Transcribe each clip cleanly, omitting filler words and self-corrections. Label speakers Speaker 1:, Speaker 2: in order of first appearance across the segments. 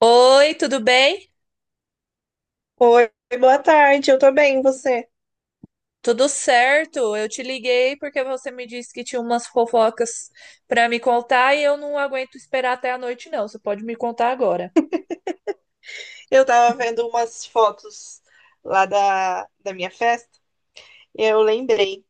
Speaker 1: Oi, tudo bem?
Speaker 2: Oi, boa tarde, eu tô bem, e você?
Speaker 1: Tudo certo? Eu te liguei porque você me disse que tinha umas fofocas para me contar e eu não aguento esperar até a noite, não. Você pode me contar agora.
Speaker 2: Eu tava vendo umas fotos lá da minha festa e eu lembrei.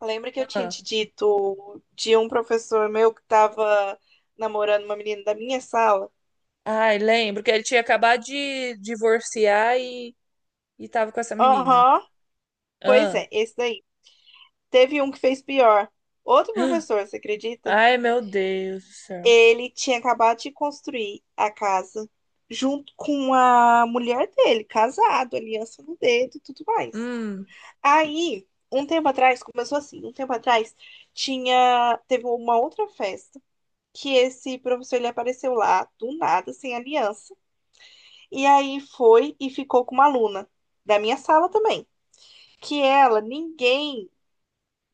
Speaker 2: Lembra que eu tinha
Speaker 1: Ah,
Speaker 2: te dito de um professor meu que tava namorando uma menina da minha sala?
Speaker 1: ai, lembro que ele tinha acabado de divorciar e tava com essa menina.
Speaker 2: Aham, pois
Speaker 1: Ah,
Speaker 2: é, esse daí. Teve um que fez pior. Outro professor, você acredita?
Speaker 1: ai, meu Deus do céu.
Speaker 2: Ele tinha acabado de construir a casa junto com a mulher dele, casado, aliança no dedo e tudo mais.
Speaker 1: Hum,
Speaker 2: Aí, um tempo atrás, começou assim, um tempo atrás, teve uma outra festa que esse professor ele apareceu lá do nada, sem aliança, e aí foi e ficou com uma aluna da minha sala também, que ela, ninguém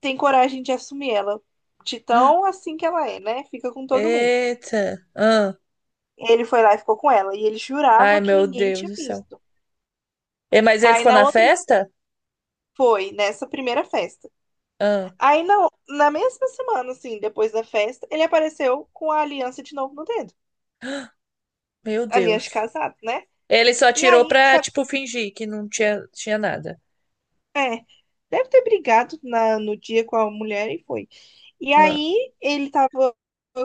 Speaker 2: tem coragem de assumir ela, de tão assim que ela é, né? Fica com todo mundo.
Speaker 1: eita. Ah,
Speaker 2: Ele foi lá e ficou com ela, e ele
Speaker 1: ai,
Speaker 2: jurava que
Speaker 1: meu
Speaker 2: ninguém
Speaker 1: Deus
Speaker 2: tinha
Speaker 1: do céu.
Speaker 2: visto.
Speaker 1: E, mas ele
Speaker 2: Aí
Speaker 1: ficou
Speaker 2: na
Speaker 1: na
Speaker 2: outra
Speaker 1: festa?
Speaker 2: foi nessa primeira festa.
Speaker 1: Ah,
Speaker 2: Aí não, na mesma semana, assim, depois da festa, ele apareceu com a aliança de novo no dedo.
Speaker 1: meu
Speaker 2: Aliança de
Speaker 1: Deus.
Speaker 2: casado, né?
Speaker 1: Ele só
Speaker 2: E
Speaker 1: tirou
Speaker 2: aí,
Speaker 1: pra,
Speaker 2: sabe,
Speaker 1: tipo, fingir que não tinha nada.
Speaker 2: é, deve ter brigado no dia com a mulher e foi. E
Speaker 1: Ah.
Speaker 2: aí ele tava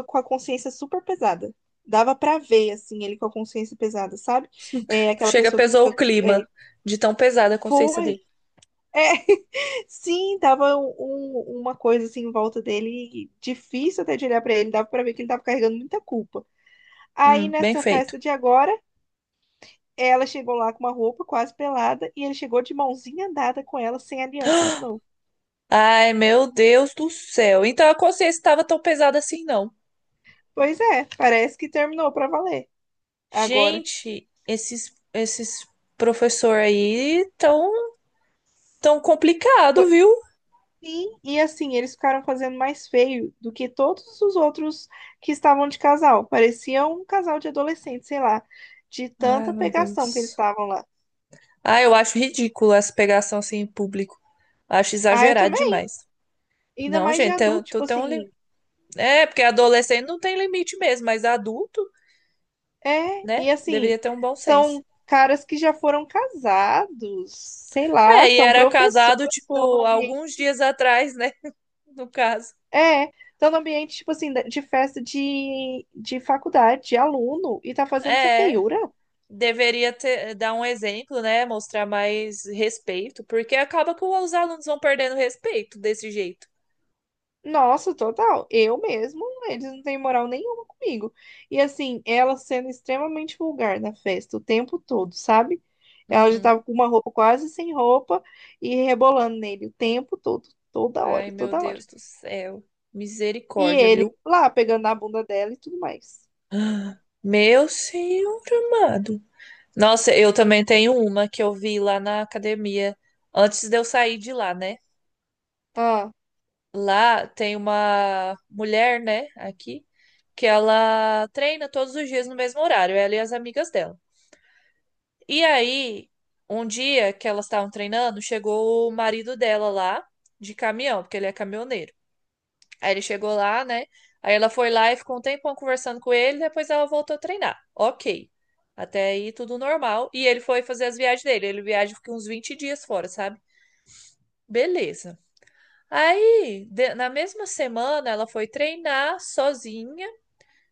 Speaker 2: com a consciência super pesada. Dava pra ver, assim, ele com a consciência pesada, sabe? É aquela
Speaker 1: Chega,
Speaker 2: pessoa que
Speaker 1: pesou
Speaker 2: fica.
Speaker 1: o clima
Speaker 2: É,
Speaker 1: de tão pesada a consciência
Speaker 2: foi.
Speaker 1: dele.
Speaker 2: É, sim, tava uma coisa assim em volta dele, difícil até de olhar pra ele, dava pra ver que ele tava carregando muita culpa. Aí
Speaker 1: Bem
Speaker 2: nessa
Speaker 1: feito.
Speaker 2: festa de agora, ela chegou lá com uma roupa quase pelada e ele chegou de mãozinha dada com ela sem aliança de novo.
Speaker 1: Ai, meu Deus do céu. Então a consciência estava tão pesada assim, não.
Speaker 2: Pois é, parece que terminou pra valer agora.
Speaker 1: Gente, esses professor aí tão, tão complicado,
Speaker 2: Po-
Speaker 1: viu?
Speaker 2: Sim, e assim, eles ficaram fazendo mais feio do que todos os outros que estavam de casal. Parecia um casal de adolescentes, sei lá, de
Speaker 1: Ai,
Speaker 2: tanta
Speaker 1: meu
Speaker 2: pegação que eles
Speaker 1: Deus.
Speaker 2: estavam lá.
Speaker 1: Ah, eu acho ridículo essa pegação assim em público. Acho
Speaker 2: Ah, eu
Speaker 1: exagerado
Speaker 2: também,
Speaker 1: demais.
Speaker 2: ainda
Speaker 1: Não,
Speaker 2: mais de
Speaker 1: gente,
Speaker 2: adulto,
Speaker 1: tu
Speaker 2: tipo
Speaker 1: tem um
Speaker 2: assim,
Speaker 1: limite. É, porque adolescente não tem limite mesmo, mas adulto
Speaker 2: é, e
Speaker 1: né?
Speaker 2: assim,
Speaker 1: Deveria ter um bom senso.
Speaker 2: são caras que já foram casados, sei lá,
Speaker 1: É, e
Speaker 2: são
Speaker 1: era
Speaker 2: professores,
Speaker 1: casado,
Speaker 2: estão no
Speaker 1: tipo,
Speaker 2: ambiente.
Speaker 1: alguns dias atrás, né? No caso.
Speaker 2: É, estão no ambiente, tipo assim, de festa de faculdade, de aluno, e tá fazendo essa
Speaker 1: É,
Speaker 2: feiura.
Speaker 1: deveria ter, dar um exemplo, né? Mostrar mais respeito, porque acaba que os alunos vão perdendo respeito desse jeito.
Speaker 2: Nossa, total. Eu mesmo, eles não têm moral nenhuma comigo. E assim, ela sendo extremamente vulgar na festa o tempo todo, sabe? Ela já
Speaker 1: Uhum.
Speaker 2: tava com uma roupa quase sem roupa e rebolando nele o tempo todo, toda
Speaker 1: Ai,
Speaker 2: hora,
Speaker 1: meu
Speaker 2: toda hora.
Speaker 1: Deus do céu.
Speaker 2: E
Speaker 1: Misericórdia,
Speaker 2: ele
Speaker 1: viu?
Speaker 2: lá pegando na bunda dela e tudo mais.
Speaker 1: Meu senhor amado. Nossa, eu também tenho uma que eu vi lá na academia antes de eu sair de lá, né?
Speaker 2: Ah,
Speaker 1: Lá tem uma mulher, né, aqui, que ela treina todos os dias no mesmo horário, ela e as amigas dela. E aí, um dia que elas estavam treinando, chegou o marido dela lá de caminhão, porque ele é caminhoneiro. Aí ele chegou lá, né? Aí ela foi lá e ficou um tempão conversando com ele, depois ela voltou a treinar. Ok. Até aí tudo normal. E ele foi fazer as viagens dele. Ele viaja fica uns 20 dias fora, sabe? Beleza. Aí, na mesma semana, ela foi treinar sozinha,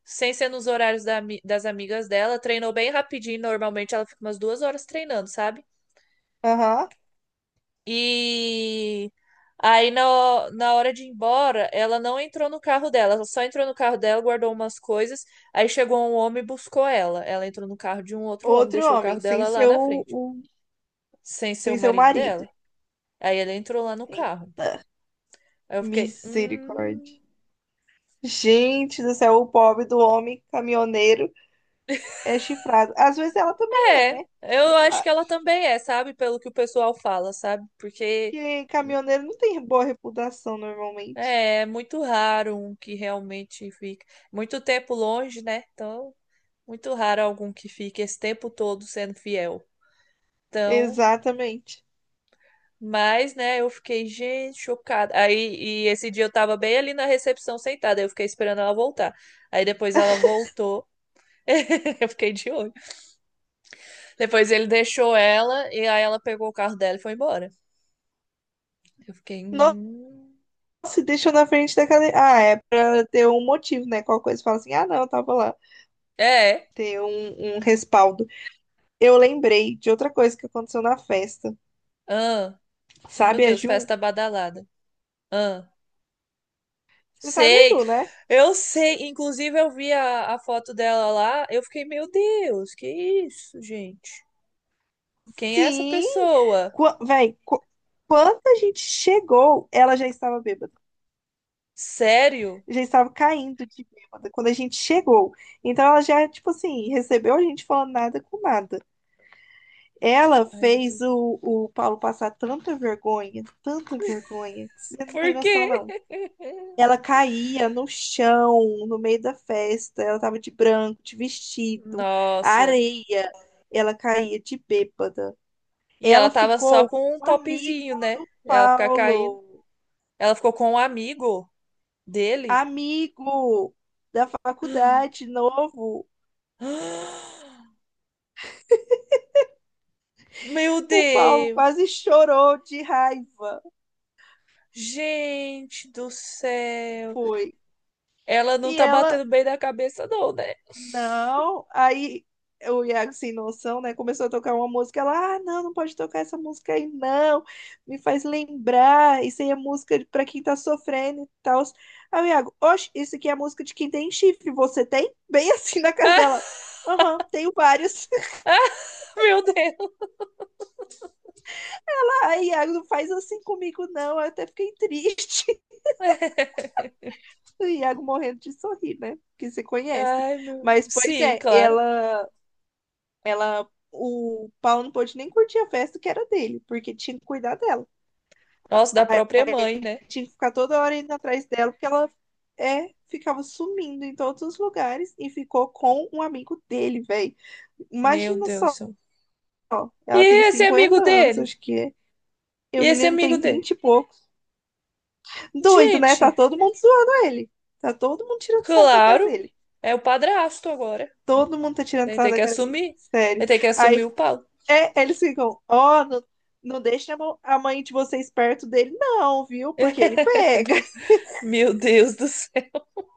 Speaker 1: sem ser nos horários da das amigas dela. Treinou bem rapidinho, normalmente ela fica umas 2 horas treinando, sabe?
Speaker 2: aham.
Speaker 1: E aí, na hora de ir embora, ela não entrou no carro dela, ela só entrou no carro dela, guardou umas coisas. Aí chegou um homem e buscou ela. Ela entrou no carro de um outro homem,
Speaker 2: Outro
Speaker 1: deixou o carro
Speaker 2: homem, sem
Speaker 1: dela lá
Speaker 2: ser
Speaker 1: na frente, sem ser o
Speaker 2: sem ser o
Speaker 1: marido
Speaker 2: marido.
Speaker 1: dela. Aí ela entrou lá no carro.
Speaker 2: Eita,
Speaker 1: Aí eu fiquei,
Speaker 2: misericórdia.
Speaker 1: hum.
Speaker 2: Gente do céu, o pobre do homem caminhoneiro é chifrado. Às vezes ela também é,
Speaker 1: É,
Speaker 2: né?
Speaker 1: eu
Speaker 2: Sei
Speaker 1: acho
Speaker 2: lá.
Speaker 1: que ela também é, sabe? Pelo que o pessoal fala, sabe? Porque
Speaker 2: Porque caminhoneiro não tem boa reputação normalmente.
Speaker 1: é, é muito raro um que realmente fica. Muito tempo longe, né? Então, muito raro algum que fique esse tempo todo sendo fiel. Então,
Speaker 2: Exatamente.
Speaker 1: mas, né, eu fiquei, gente, chocada. Aí, e esse dia eu tava bem ali na recepção sentada, eu fiquei esperando ela voltar. Aí depois ela voltou. Eu fiquei de olho. Depois ele deixou ela e aí ela pegou o carro dela e foi embora. Eu fiquei.
Speaker 2: Nossa, se deixou na frente da cadeia. Ah, é pra ter um motivo, né? Qualquer coisa fala assim, ah, não, eu tava lá.
Speaker 1: É.
Speaker 2: Ter um respaldo. Eu lembrei de outra coisa que aconteceu na festa.
Speaker 1: Ah, meu
Speaker 2: Sabe a
Speaker 1: Deus,
Speaker 2: Ju?
Speaker 1: festa badalada. Ah,
Speaker 2: Você sabe a
Speaker 1: sei.
Speaker 2: Ju, né?
Speaker 1: Eu sei. Inclusive, eu vi a foto dela lá. Eu fiquei, meu Deus, que isso, gente? Quem é essa
Speaker 2: Sim!
Speaker 1: pessoa?
Speaker 2: Qua- Véi, qu- quando a gente chegou, ela já estava bêbada.
Speaker 1: Sério?
Speaker 2: Já estava caindo de bêbada quando a gente chegou. Então ela já, tipo assim, recebeu a gente falando nada com nada. Ela
Speaker 1: Ai, meu
Speaker 2: fez
Speaker 1: Deus.
Speaker 2: o Paulo passar tanta vergonha, que você não
Speaker 1: Por
Speaker 2: tem
Speaker 1: quê?
Speaker 2: noção, não. Ela caía no chão, no meio da festa. Ela tava de branco, de vestido,
Speaker 1: Nossa.
Speaker 2: areia. Ela caía de bêbada.
Speaker 1: E ela
Speaker 2: Ela
Speaker 1: tava só
Speaker 2: ficou com
Speaker 1: com um
Speaker 2: um amigo
Speaker 1: topzinho, né?
Speaker 2: do
Speaker 1: Ela ficar caindo.
Speaker 2: Paulo,
Speaker 1: Ela ficou com um amigo dele.
Speaker 2: amigo da faculdade, novo.
Speaker 1: Meu
Speaker 2: O Paulo
Speaker 1: Deus.
Speaker 2: quase chorou de raiva.
Speaker 1: Gente do céu.
Speaker 2: Foi.
Speaker 1: Ela não
Speaker 2: E
Speaker 1: tá
Speaker 2: ela
Speaker 1: batendo bem na cabeça, não, né?
Speaker 2: Não, aí o Iago, sem noção, né, começou a tocar uma música. Ela, ah, não, não pode tocar essa música aí, não. Me faz lembrar. Isso aí é música pra quem tá sofrendo e tal. Aí o Iago, oxe, isso aqui é música de quem tem chifre. Você tem? Bem assim na cara dela.
Speaker 1: Ah,
Speaker 2: Aham, tenho vários.
Speaker 1: meu Deus.
Speaker 2: Ai, Iago, não faz assim comigo, não. Eu até fiquei triste. O Iago morrendo de sorrir, né? Que você conhece.
Speaker 1: Ai, meu.
Speaker 2: Mas, pois
Speaker 1: Sim,
Speaker 2: é,
Speaker 1: claro.
Speaker 2: ela. Ela, o Paulo não pôde nem curtir a festa que era dele, porque tinha que cuidar dela.
Speaker 1: Nossa, da
Speaker 2: Aí
Speaker 1: própria mãe, né?
Speaker 2: tinha que ficar toda hora indo atrás dela, porque ela ficava sumindo em todos os lugares e ficou com um amigo dele, velho.
Speaker 1: Meu
Speaker 2: Imagina
Speaker 1: Deus do
Speaker 2: só,
Speaker 1: céu. E
Speaker 2: ela tem
Speaker 1: esse amigo
Speaker 2: 50 anos,
Speaker 1: dele?
Speaker 2: acho que é. E
Speaker 1: E
Speaker 2: o
Speaker 1: esse
Speaker 2: menino
Speaker 1: amigo
Speaker 2: tem
Speaker 1: dele?
Speaker 2: 20 e pouco. Doido, né? Tá
Speaker 1: Gente,
Speaker 2: todo mundo zoando ele. Tá todo mundo tirando sarro da cara
Speaker 1: claro,
Speaker 2: dele.
Speaker 1: é o padrasto agora.
Speaker 2: Todo mundo tá tirando
Speaker 1: Ele
Speaker 2: sarro
Speaker 1: tem
Speaker 2: da
Speaker 1: que
Speaker 2: cara dele.
Speaker 1: assumir.
Speaker 2: Sério.
Speaker 1: Ele tem que
Speaker 2: Aí
Speaker 1: assumir o pau.
Speaker 2: É, eles ficam, ó, não, não deixa a mãe de vocês perto dele, não, viu? Porque ele pega.
Speaker 1: Meu Deus do céu.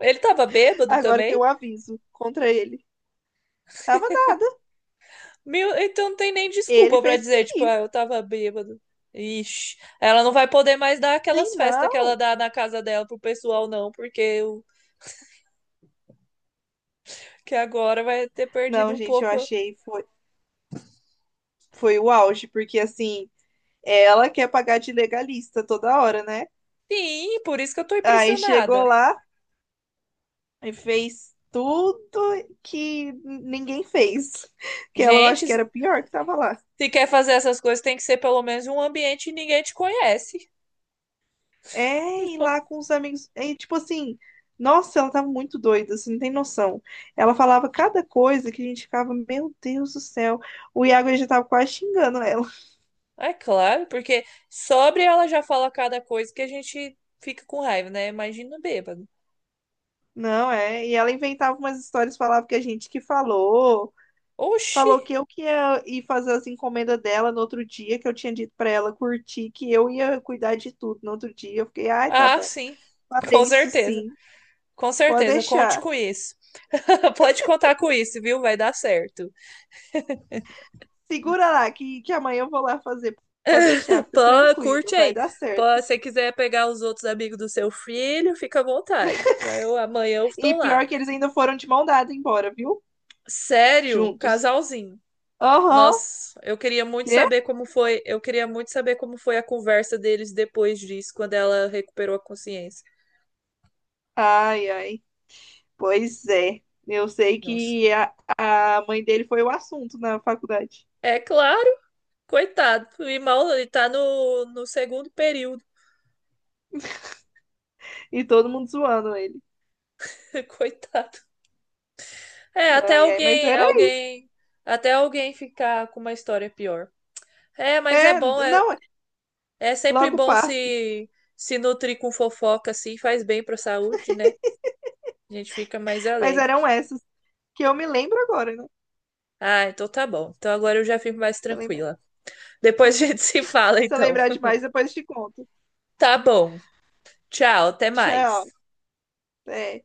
Speaker 1: Ele tava bêbado
Speaker 2: Agora tem
Speaker 1: também?
Speaker 2: um aviso contra ele. Tava nada.
Speaker 1: Meu, então não tem nem
Speaker 2: Ele
Speaker 1: desculpa pra
Speaker 2: fez porque
Speaker 1: dizer, tipo, ah,
Speaker 2: quis.
Speaker 1: eu tava bêbado. Ixi, ela não vai poder mais dar aquelas
Speaker 2: Tem
Speaker 1: festas que ela
Speaker 2: não.
Speaker 1: dá na casa dela pro pessoal, não, porque o que agora vai ter perdido
Speaker 2: Não,
Speaker 1: um
Speaker 2: gente, eu
Speaker 1: pouco.
Speaker 2: achei foi, foi o auge, porque assim, ela quer pagar de legalista toda hora, né?
Speaker 1: Sim, por isso que eu tô
Speaker 2: Aí chegou
Speaker 1: impressionada.
Speaker 2: lá e fez tudo que ninguém fez. Que ela eu acho
Speaker 1: Gente,
Speaker 2: que
Speaker 1: se
Speaker 2: era pior que tava lá.
Speaker 1: se quer fazer essas coisas, tem que ser pelo menos um ambiente que ninguém te conhece.
Speaker 2: É, e lá com os amigos. É, tipo assim, nossa, ela tava muito doida, você não tem noção. Ela falava cada coisa que a gente ficava, meu Deus do céu. O Iago já tava quase xingando ela.
Speaker 1: É claro, porque sobre ela já fala cada coisa que a gente fica com raiva, né? Imagina bêbado.
Speaker 2: Não, é. E ela inventava umas histórias, falava que a gente que falou.
Speaker 1: Oxi!
Speaker 2: Falou que eu que ia ir fazer as encomendas dela no outro dia, que eu tinha dito pra ela curtir, que eu ia cuidar de tudo no outro dia. Eu fiquei, ai, tá
Speaker 1: Ah,
Speaker 2: bom.
Speaker 1: sim, com
Speaker 2: Falei isso
Speaker 1: certeza.
Speaker 2: sim,
Speaker 1: Com
Speaker 2: pode
Speaker 1: certeza, conte
Speaker 2: deixar.
Speaker 1: com isso. Pode contar com isso, viu? Vai dar certo.
Speaker 2: Segura lá, que amanhã eu vou lá fazer. Pode deixar, fica
Speaker 1: Pô,
Speaker 2: tranquilo,
Speaker 1: curte
Speaker 2: vai
Speaker 1: aí.
Speaker 2: dar
Speaker 1: Pô,
Speaker 2: certo.
Speaker 1: se você quiser pegar os outros amigos do seu filho, fica à vontade. Eu, amanhã eu
Speaker 2: E
Speaker 1: estou lá.
Speaker 2: pior que eles ainda foram de mão dada embora, viu?
Speaker 1: Sério,
Speaker 2: Juntos.
Speaker 1: casalzinho.
Speaker 2: Aham.
Speaker 1: Nossa, eu queria muito
Speaker 2: Quê?
Speaker 1: saber como foi, eu queria muito saber como foi a conversa deles depois disso, quando ela recuperou a consciência.
Speaker 2: Ai, ai. Pois é. Eu sei
Speaker 1: Nossa.
Speaker 2: que a mãe dele foi o assunto na faculdade.
Speaker 1: É claro, coitado. E mal ele tá no segundo período.
Speaker 2: E todo mundo zoando ele.
Speaker 1: Coitado. É, até
Speaker 2: Ai, ai, mas era isso.
Speaker 1: até alguém ficar com uma história pior. É, mas é
Speaker 2: É,
Speaker 1: bom, é,
Speaker 2: não,
Speaker 1: é sempre
Speaker 2: logo
Speaker 1: bom
Speaker 2: passa.
Speaker 1: se nutrir com fofoca assim, faz bem pra saúde, né? A gente fica mais
Speaker 2: Mas
Speaker 1: alegre.
Speaker 2: eram essas que eu me lembro agora, né?
Speaker 1: Ah, então tá bom. Então agora eu já fico mais
Speaker 2: Se eu lembrar,
Speaker 1: tranquila. Depois a gente se fala,
Speaker 2: se eu
Speaker 1: então.
Speaker 2: lembrar demais, depois eu te conto.
Speaker 1: Tá bom. Tchau, até mais.
Speaker 2: Tchau. Até.